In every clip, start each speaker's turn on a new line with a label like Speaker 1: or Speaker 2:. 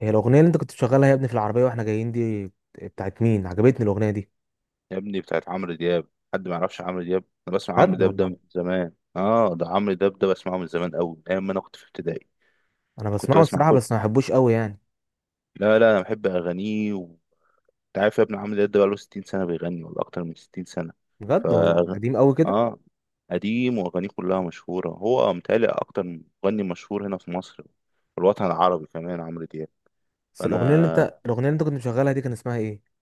Speaker 1: هي الاغنيه اللي انت كنت شغالها يا ابني في العربيه واحنا جايين دي بتاعت مين؟ عجبتني الاغنيه دي.
Speaker 2: يا ابني، بتاعت عمرو دياب. حد ما يعرفش عمرو دياب؟ انا بسمع عمرو
Speaker 1: بجد
Speaker 2: دياب ده
Speaker 1: والله.
Speaker 2: من زمان، اه. ده عمرو دياب ده بسمعه من زمان قوي، من ايام ما انا كنت في ابتدائي.
Speaker 1: انا
Speaker 2: كنت
Speaker 1: بسمعه
Speaker 2: بسمع
Speaker 1: الصراحه
Speaker 2: كل.
Speaker 1: بس ما بحبوش قوي يعني.
Speaker 2: لا لا، انا بحب اغانيه. وانت عارف يا ابني، عمرو دياب ده بقاله 60 سنه بيغني، ولا اكتر من 60 سنه. ف
Speaker 1: بجد والله قديم قوي كده.
Speaker 2: اه قديم، واغانيه كلها مشهوره. هو متهيألي اكتر مغني مشهور هنا في مصر، في الوطن العربي كمان، عمرو دياب.
Speaker 1: بس الاغنيه اللي انت
Speaker 2: فانا
Speaker 1: الاغنيه اللي انت كنت مشغلها دي كان اسمها ايه؟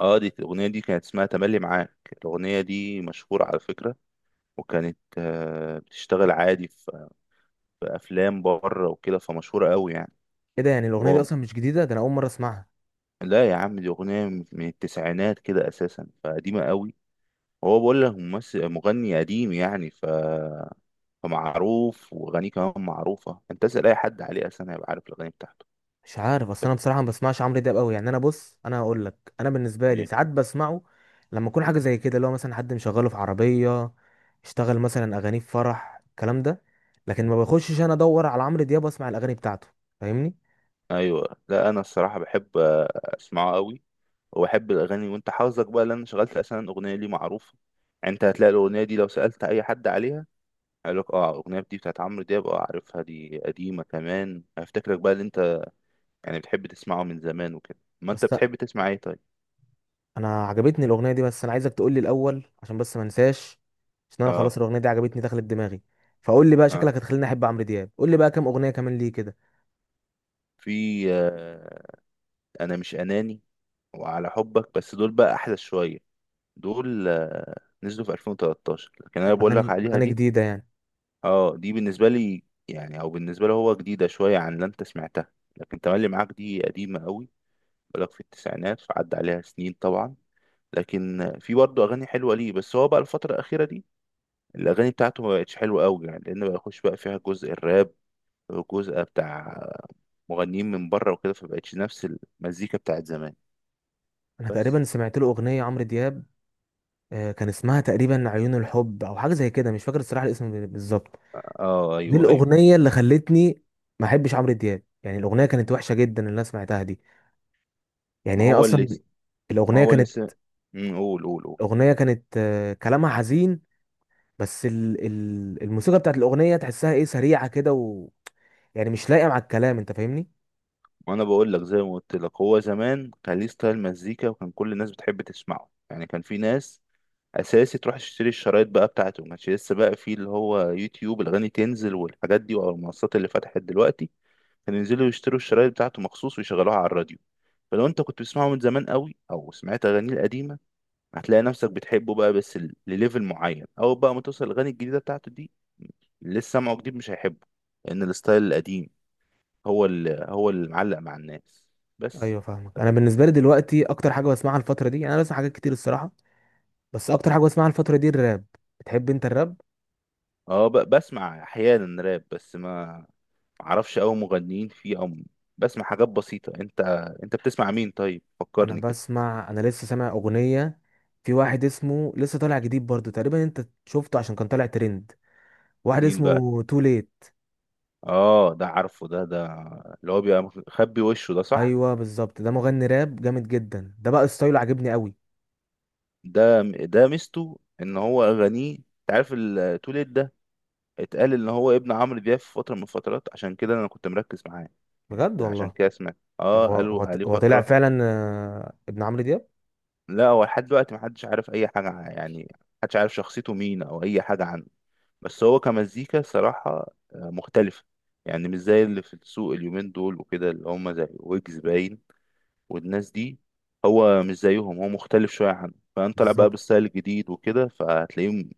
Speaker 2: اه دي الاغنيه دي كانت اسمها تملي معاك. الاغنيه دي مشهوره على فكره. وكانت بتشتغل عادي في افلام بره وكده، فمشهوره قوي يعني.
Speaker 1: ايه ده؟ يعني الاغنيه دي
Speaker 2: هو
Speaker 1: اصلا مش جديده؟ ده انا اول مره اسمعها.
Speaker 2: لا يا عم، دي اغنيه من التسعينات كده اساسا، فقديمه قوي. هو بقول لك ممثل مغني قديم يعني. فمعروف، واغانيه كمان معروفه. انت اسال اي حد عليه اساسا هيبقى عارف الاغاني بتاعته.
Speaker 1: مش عارف اصل
Speaker 2: بس،
Speaker 1: انا بصراحه ما بسمعش عمرو دياب قوي يعني، انا بص انا هقول لك، انا بالنسبه لي
Speaker 2: ايه؟
Speaker 1: ساعات بسمعه لما اكون حاجه زي كده اللي هو مثلا حد مشغله في عربيه، اشتغل مثلا اغانيه في فرح الكلام ده، لكن ما بخشش انا ادور على عمرو دياب واسمع الاغاني بتاعته. فاهمني؟
Speaker 2: ايوه، لا، انا الصراحه بحب اسمعه قوي وبحب الاغاني. وانت حافظك بقى لان شغلت اساسا اغنيه ليه معروفه. يعني انت هتلاقي الاغنيه دي، لو سالت اي حد عليها هيقول لك: اه، الاغنيه دي بتاعت عمرو دياب، اه عارفها، دي قديمه كمان. هيفتكرك بقى اللي، يعني بتحب تسمعه من زمان وكده. ما
Speaker 1: بس
Speaker 2: انت، بتحب تسمع ايه طيب؟
Speaker 1: انا عجبتني الاغنيه دي، بس انا عايزك تقول لي الاول عشان بس ما انساش، عشان انا
Speaker 2: اه
Speaker 1: خلاص الاغنيه دي عجبتني دخلت دماغي. فقول لي بقى،
Speaker 2: اه
Speaker 1: شكلك هتخليني احب عمرو دياب، قول لي بقى كام اغنيه كمان ليه كده.
Speaker 2: في انا مش اناني وعلى حبك، بس دول بقى احدث شويه. دول، نزلوا في 2013. لكن انا بقول لك
Speaker 1: اغاني
Speaker 2: عليها
Speaker 1: اغاني
Speaker 2: دي.
Speaker 1: جديده يعني؟
Speaker 2: اه، دي بالنسبه لي يعني، او بالنسبه له هو، جديده شويه عن اللي انت سمعتها، لكن تملي معاك دي قديمه قوي. بقول لك في التسعينات، فعدى عليها سنين طبعا. لكن في برضه اغاني حلوه ليه. بس هو بقى الفتره الاخيره دي، الاغاني بتاعته ما بقتش حلوه قوي يعني، لان بقى يخش بقى فيها جزء الراب، الجزء بتاع مغنيين من بره وكده، فبقتش نفس المزيكا بتاعت زمان.
Speaker 1: انا
Speaker 2: بس،
Speaker 1: تقريبا سمعت له اغنيه عمرو دياب، كان اسمها تقريبا عيون الحب او حاجه زي كده، مش فاكر الصراحه الاسم بالظبط.
Speaker 2: اه،
Speaker 1: دي
Speaker 2: ايوه، ايوه.
Speaker 1: الاغنيه اللي خلتني ما احبش عمرو دياب، يعني الاغنيه كانت وحشه جدا اللي انا سمعتها دي. يعني
Speaker 2: ما
Speaker 1: هي
Speaker 2: هو اللي
Speaker 1: اصلا
Speaker 2: ما
Speaker 1: الاغنيه
Speaker 2: هو اللي
Speaker 1: كانت
Speaker 2: س... قول قول قول.
Speaker 1: الاغنيه كانت كلامها حزين، بس الموسيقى بتاعت الاغنيه تحسها ايه، سريعه كده يعني مش لايقه مع الكلام. انت فاهمني؟
Speaker 2: ما انا بقول لك زي ما قلت لك، هو زمان كان ليه ستايل مزيكا، وكان كل الناس بتحب تسمعه يعني. كان في ناس اساسي تروح تشتري الشرايط بقى بتاعته، ما كانش لسه بقى في اللي هو يوتيوب، الاغاني تنزل والحاجات دي، او المنصات اللي فتحت دلوقتي. كانوا ينزلوا يشتروا الشرايط بتاعته مخصوص ويشغلوها على الراديو. فلو انت كنت بتسمعه من زمان قوي او سمعت اغانيه القديمه، هتلاقي نفسك بتحبه بقى، بس لليفل معين، او بقى ما توصل الاغاني الجديده بتاعته دي، اللي لسه سامعه جديد مش هيحبه، لان الستايل القديم هو اللي معلق مع الناس. بس،
Speaker 1: ايوه فاهمك. انا بالنسبه لي دلوقتي اكتر حاجه بسمعها الفتره دي، يعني انا بسمع حاجات كتير الصراحه، بس اكتر حاجه بسمعها الفتره دي الراب. بتحب انت الراب؟
Speaker 2: بسمع احيانا راب، بس ما اعرفش اوي مغنيين فيه، بسمع حاجات بسيطه. انت بتسمع مين طيب؟
Speaker 1: انا
Speaker 2: فكرني كده.
Speaker 1: بسمع، انا لسه سامع اغنيه في واحد اسمه لسه طالع جديد برضو تقريبا، انت شفته عشان كان طالع ترند، واحد
Speaker 2: مين بقى؟
Speaker 1: اسمه تو ليت.
Speaker 2: اه، ده عارفه. ده اللي هو بيبقى مخبي وشه ده، صح؟
Speaker 1: ايوه بالظبط، ده مغني راب جامد جدا ده، بقى ستايله عجبني قوي.
Speaker 2: ده ميزته، ان هو اغانيه. انت عارف التوليد ده، اتقال ان هو ابن عمرو دياب في فتره من الفترات، عشان كده انا كنت مركز معاه. يعني
Speaker 1: بجد
Speaker 2: ده عشان
Speaker 1: والله؟
Speaker 2: كده سمعت،
Speaker 1: طب
Speaker 2: اه،
Speaker 1: هو
Speaker 2: قالوا
Speaker 1: هو
Speaker 2: عليه
Speaker 1: هو طلع
Speaker 2: فتره.
Speaker 1: فعلا ابن عمرو دياب؟
Speaker 2: لا، هو لحد دلوقتي محدش عارف اي حاجه، يعني محدش عارف شخصيته مين او اي حاجه عنه. بس هو كمزيكا صراحه مختلفه. يعني مش زي اللي في السوق اليومين دول وكده، اللي هم زي ويجز باين، والناس دي. هو مش زيهم، هو مختلف شويه عنه، فانت طالع بقى
Speaker 1: بالظبط.
Speaker 2: بالستايل الجديد وكده فهتلاقيه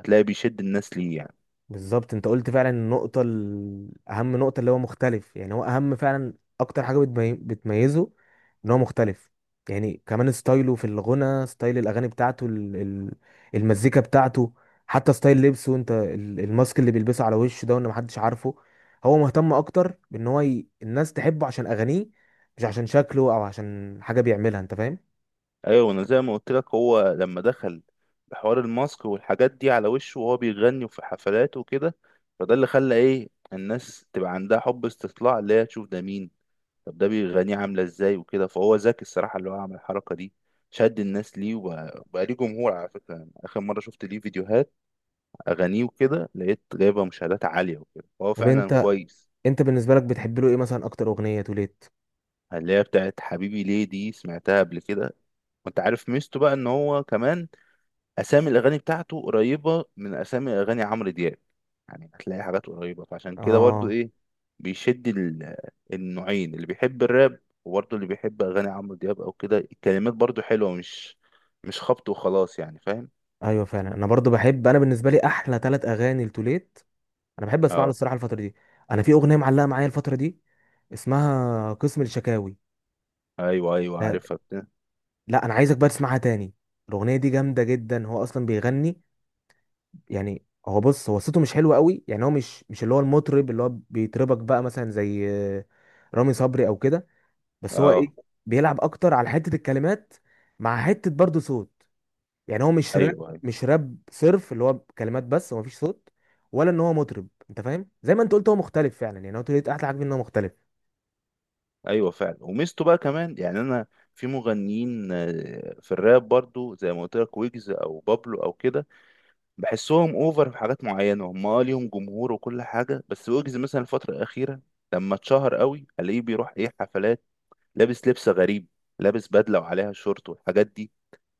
Speaker 2: هتلاقيه بيشد الناس ليه يعني.
Speaker 1: بالظبط، انت قلت فعلا النقطة اهم نقطة، اللي هو مختلف، يعني هو اهم فعلا. اكتر حاجة بتميزه ان هو مختلف. يعني كمان ستايله في الغنى، ستايل الاغاني بتاعته، المزيكا بتاعته، حتى ستايل لبسه، انت الماسك اللي بيلبسه على وشه ده، وان محدش عارفه. هو مهتم اكتر بان هو الناس تحبه عشان اغانيه، مش عشان شكله او عشان حاجة بيعملها. انت فاهم؟
Speaker 2: ايوه، انا زي ما قلت لك، هو لما دخل بحوار الماسك والحاجات دي على وشه وهو بيغني وفي حفلات وكده، فده اللي خلى، ايه، الناس تبقى عندها حب استطلاع، اللي هي تشوف ده مين، طب ده بيغنيه عامله ازاي وكده، فهو ذكي الصراحه، اللي هو عمل الحركه دي، شد الناس ليه، وبقى ليه جمهور على فكره. يعني اخر مره شفت ليه فيديوهات اغانيه وكده، لقيت جايبه مشاهدات عاليه وكده، فهو
Speaker 1: طب
Speaker 2: فعلا
Speaker 1: انت،
Speaker 2: كويس.
Speaker 1: انت بالنسبة لك بتحب له ايه مثلا اكتر اغنية توليت؟
Speaker 2: اللي هي بتاعت حبيبي ليه، دي سمعتها قبل كده. وانت عارف ميزته بقى، ان هو كمان اسامي الاغاني بتاعته قريبه من اسامي اغاني عمرو دياب. يعني هتلاقي حاجات قريبه، فعشان كده برضو
Speaker 1: اه
Speaker 2: ايه، بيشد النوعين، اللي بيحب الراب وبرضو اللي بيحب اغاني عمرو دياب او كده. الكلمات برضو حلوه، مش خبط وخلاص يعني، فاهم.
Speaker 1: ايوه فعلا. انا برضو بحب، انا بالنسبه لي احلى ثلاث اغاني لتوليت، انا بحب اسمع له
Speaker 2: اه،
Speaker 1: الصراحه الفتره دي. انا في اغنيه معلقه معايا الفتره دي اسمها قسم الشكاوي.
Speaker 2: ايوه، ايوه،
Speaker 1: ف-
Speaker 2: عارفها بتاع.
Speaker 1: لا انا عايزك بقى تسمعها تاني، الاغنيه دي جامده جدا. هو اصلا بيغني، يعني هو بص، هو صوته مش حلو قوي يعني، هو مش اللي هو المطرب اللي هو بيطربك بقى مثلا زي رامي صبري او كده، بس هو
Speaker 2: اه،
Speaker 1: ايه بيلعب اكتر على حته الكلمات مع حته برضو صوت. يعني هو مش راب،
Speaker 2: ايوه، ايوه،
Speaker 1: مش راب صرف اللي هو كلمات بس ومفيش صوت، ولا ان هو مطرب. انت فاهم؟ زي ما انت قلت، هو مختلف فعلا، يعني هو طريقة، احلى حاجه ان هو مختلف.
Speaker 2: ايوه فعلا. وميزته بقى كمان يعني، انا في مغنيين في الراب برضو زي ما قلت لك، ويجز او بابلو او كده، بحسهم اوفر في حاجات معينه. هم، ليهم جمهور وكل حاجه. بس ويجز مثلا الفتره الاخيره لما اتشهر قوي، الاقيه بيروح، ايه، حفلات، لابس لبس غريب، لابس بدله وعليها شورت والحاجات دي.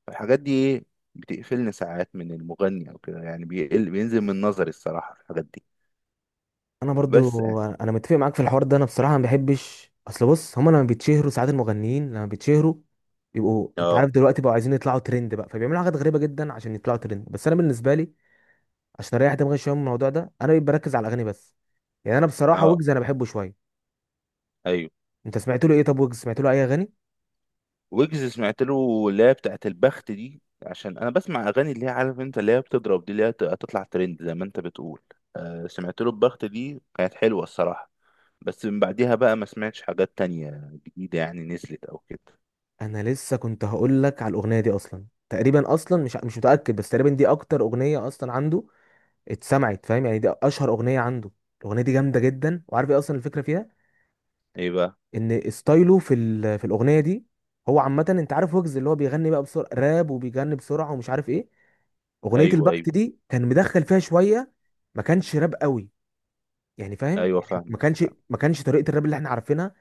Speaker 2: الحاجات دي، ايه، بتقفلني ساعات من المغني او كده يعني، بيقل، بينزل من نظري الصراحه في الحاجات دي.
Speaker 1: انا
Speaker 2: بس
Speaker 1: برضو
Speaker 2: يعني،
Speaker 1: انا متفق معاك في الحوار ده. انا بصراحه ما بحبش، اصل بص، هما لما بيتشهروا ساعات، المغنيين لما بيتشهروا بيبقوا، انت عارف
Speaker 2: اه،
Speaker 1: دلوقتي، بقوا عايزين يطلعوا ترند بقى، فبيعملوا حاجات غريبه جدا عشان يطلعوا ترند، بس انا بالنسبه لي عشان اريح دماغي شويه من الموضوع ده انا بركز على الاغاني بس. يعني انا بصراحه
Speaker 2: اه،
Speaker 1: ويجز انا بحبه شويه.
Speaker 2: ايوه.
Speaker 1: انت سمعت له ايه؟ طب ويجز سمعت له اي اغاني؟
Speaker 2: ويجز سمعت له اللي هي بتاعت البخت دي، عشان انا بسمع اغاني اللي هي، عارف انت، اللي هي بتضرب دي، اللي هي هتطلع ترند زي ما انت بتقول. سمعت له البخت دي كانت حلوه الصراحه. بس من بعديها بقى ما سمعتش حاجات تانية جديدة يعني نزلت أو كده.
Speaker 1: انا لسه كنت هقول لك على الاغنيه دي اصلا تقريبا، اصلا مش متاكد بس تقريبا دي اكتر اغنيه اصلا عنده اتسمعت. فاهم؟ يعني دي اشهر اغنيه عنده. الاغنيه دي جامده جدا، وعارف ايه اصلا الفكره فيها؟
Speaker 2: إيه بقى؟
Speaker 1: ان ستايله في في الاغنيه دي، هو عامه انت عارف ويجز اللي هو بيغني بقى بسرعه راب وبيغني بسرعه ومش عارف ايه، اغنيه
Speaker 2: أيوه،
Speaker 1: البخت
Speaker 2: أيوه،
Speaker 1: دي كان مدخل فيها شويه، ما كانش راب قوي، يعني فاهم
Speaker 2: أيوه
Speaker 1: يعني
Speaker 2: فاهم.
Speaker 1: ما كانش طريقه الراب اللي احنا عارفينها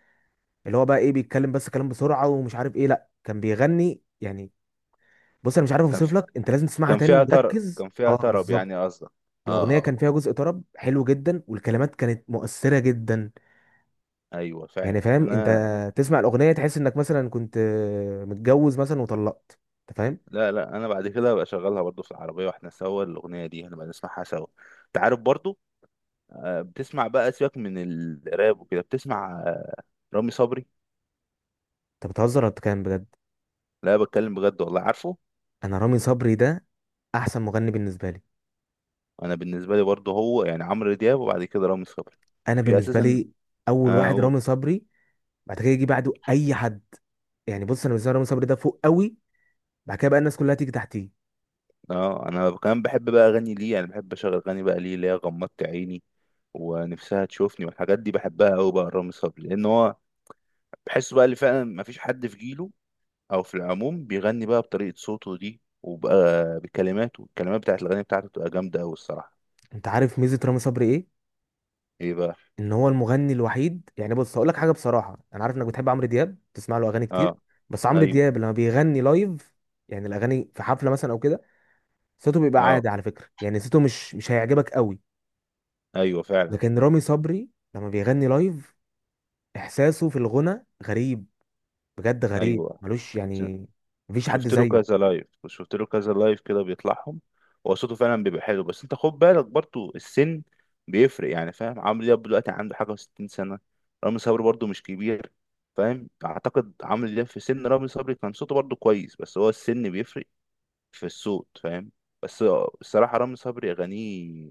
Speaker 1: اللي هو بقى ايه بيتكلم بس كلام بسرعه ومش عارف ايه، لا كان بيغني يعني. بص انا مش عارف
Speaker 2: كان
Speaker 1: اوصف
Speaker 2: في-
Speaker 1: لك، انت لازم تسمعها
Speaker 2: كان
Speaker 1: تاني
Speaker 2: فيها طرب،
Speaker 1: وركز،
Speaker 2: كان فيها
Speaker 1: اه
Speaker 2: طرب
Speaker 1: بالظبط.
Speaker 2: يعني قصدك. اه،
Speaker 1: الاغنيه
Speaker 2: اه،
Speaker 1: كان فيها جزء طرب حلو جدا والكلمات كانت مؤثره جدا،
Speaker 2: ايوه،
Speaker 1: يعني
Speaker 2: فعلا،
Speaker 1: فاهم انت،
Speaker 2: انا.
Speaker 1: تسمع الاغنيه تحس انك مثلا كنت متجوز مثلا وطلقت. انت فاهم؟
Speaker 2: لا لا، انا بعد كده بقى شغالها برضو في العربيه واحنا سوا، الاغنيه دي هنبقى نسمعها سوا. انت عارف برضو بتسمع بقى سيبك من الراب وكده، بتسمع رامي صبري.
Speaker 1: انت بتهزر ولا بتتكلم بجد؟
Speaker 2: لا، بتكلم بجد والله عارفه.
Speaker 1: انا رامي صبري ده احسن مغني بالنسبه لي.
Speaker 2: انا بالنسبه لي برضو هو يعني عمرو دياب، وبعد كده رامي صبري،
Speaker 1: انا
Speaker 2: في
Speaker 1: بالنسبه
Speaker 2: اساسا.
Speaker 1: لي اول واحد
Speaker 2: قول.
Speaker 1: رامي صبري، بعد كده يجي بعده اي حد، يعني بص انا بالنسبه لي رامي صبري ده فوق قوي، بعد كده بقى الناس كلها تيجي تحتيه.
Speaker 2: اه، انا كمان بحب بقى اغني ليه، انا بحب اشغل اغاني بقى ليه اللي هي غمضت عيني ونفسها تشوفني والحاجات دي، بحبها قوي بقى. رامي صبري لان هو بحسه بقى اللي فعلا ما فيش حد في جيله او في العموم بيغني بقى بطريقة صوته دي، وبقى بكلماته. الكلمات بتاعت الاغاني بتاعته بتبقى جامدة قوي الصراحة.
Speaker 1: انت عارف ميزه رامي صبري ايه؟
Speaker 2: ايه بقى؟
Speaker 1: ان هو المغني الوحيد، يعني بص هقول لك حاجه بصراحه، انا عارف انك بتحب عمرو دياب بتسمع له اغاني كتير،
Speaker 2: اه،
Speaker 1: بس عمرو
Speaker 2: ايوه.
Speaker 1: دياب لما بيغني لايف، يعني الاغاني في حفله مثلا او كده، صوته بيبقى
Speaker 2: اه،
Speaker 1: عادي على فكره، يعني صوته مش هيعجبك قوي.
Speaker 2: ايوه فعلا،
Speaker 1: لكن رامي صبري لما بيغني لايف، احساسه في الغنى غريب، بجد غريب
Speaker 2: ايوه.
Speaker 1: ملوش يعني، مفيش حد
Speaker 2: شفت له
Speaker 1: زيه.
Speaker 2: كذا لايف وشفت له كذا لايف كده بيطلعهم. هو صوته فعلا بيبقى حلو، بس انت خد بالك برضو السن بيفرق، يعني فاهم، عمرو دياب دلوقتي عنده حاجة وستين سنة، رامي صبري برضو مش كبير. فاهم؟ اعتقد عمرو دياب في سن رامي صبري كان صوته برضو كويس، بس هو السن بيفرق في الصوت، فاهم. بس الصراحة رامي صبري أغانيه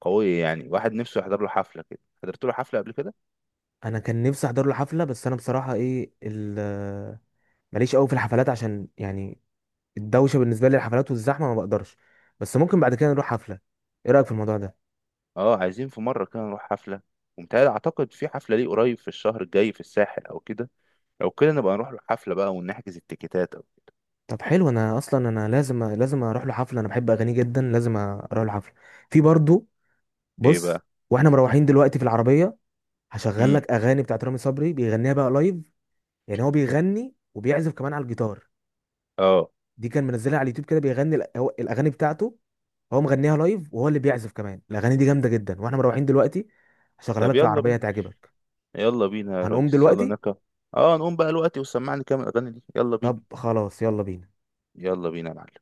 Speaker 2: قوية، يعني واحد نفسه يحضر له حفلة كده، حضرت له حفلة قبل كده.
Speaker 1: انا كان نفسي احضر له حفله بس انا بصراحه ايه ماليش قوي في الحفلات، عشان يعني الدوشه بالنسبه لي، الحفلات والزحمه ما بقدرش، بس ممكن بعد كده نروح حفله. ايه رايك في الموضوع ده؟
Speaker 2: اه، عايزين في مرة كده نروح حفلة، ومتهيألي أعتقد في حفلة ليه قريب في الشهر الجاي في الساحل أو كده. لو كده نبقى نروح الحفلة بقى ونحجز التيكيتات، أو
Speaker 1: طب حلو، انا اصلا انا لازم اروح له حفله، انا بحب اغانيه جدا، لازم اروح له حفله. في برضو،
Speaker 2: إيه
Speaker 1: بص،
Speaker 2: بقى؟
Speaker 1: واحنا مروحين دلوقتي في العربيه هشغل
Speaker 2: امم
Speaker 1: لك اغاني بتاعت رامي صبري بيغنيها بقى لايف، يعني هو بيغني وبيعزف كمان على الجيتار.
Speaker 2: اه.
Speaker 1: دي كان منزلها على اليوتيوب كده، بيغني الاغاني بتاعته، هو مغنيها لايف وهو اللي بيعزف كمان. الاغاني دي جامده جدا، واحنا مروحين دلوقتي هشغلها
Speaker 2: طب
Speaker 1: لك في
Speaker 2: يلا
Speaker 1: العربيه،
Speaker 2: بينا،
Speaker 1: هتعجبك.
Speaker 2: يلا بينا يا
Speaker 1: هنقوم
Speaker 2: ريس، يلا
Speaker 1: دلوقتي؟
Speaker 2: نركب. اه، نقوم بقى الوقت، وسمعني كام الأغاني دي، يلا بينا.
Speaker 1: طب خلاص يلا بينا.
Speaker 2: يلا بينا يا معلم.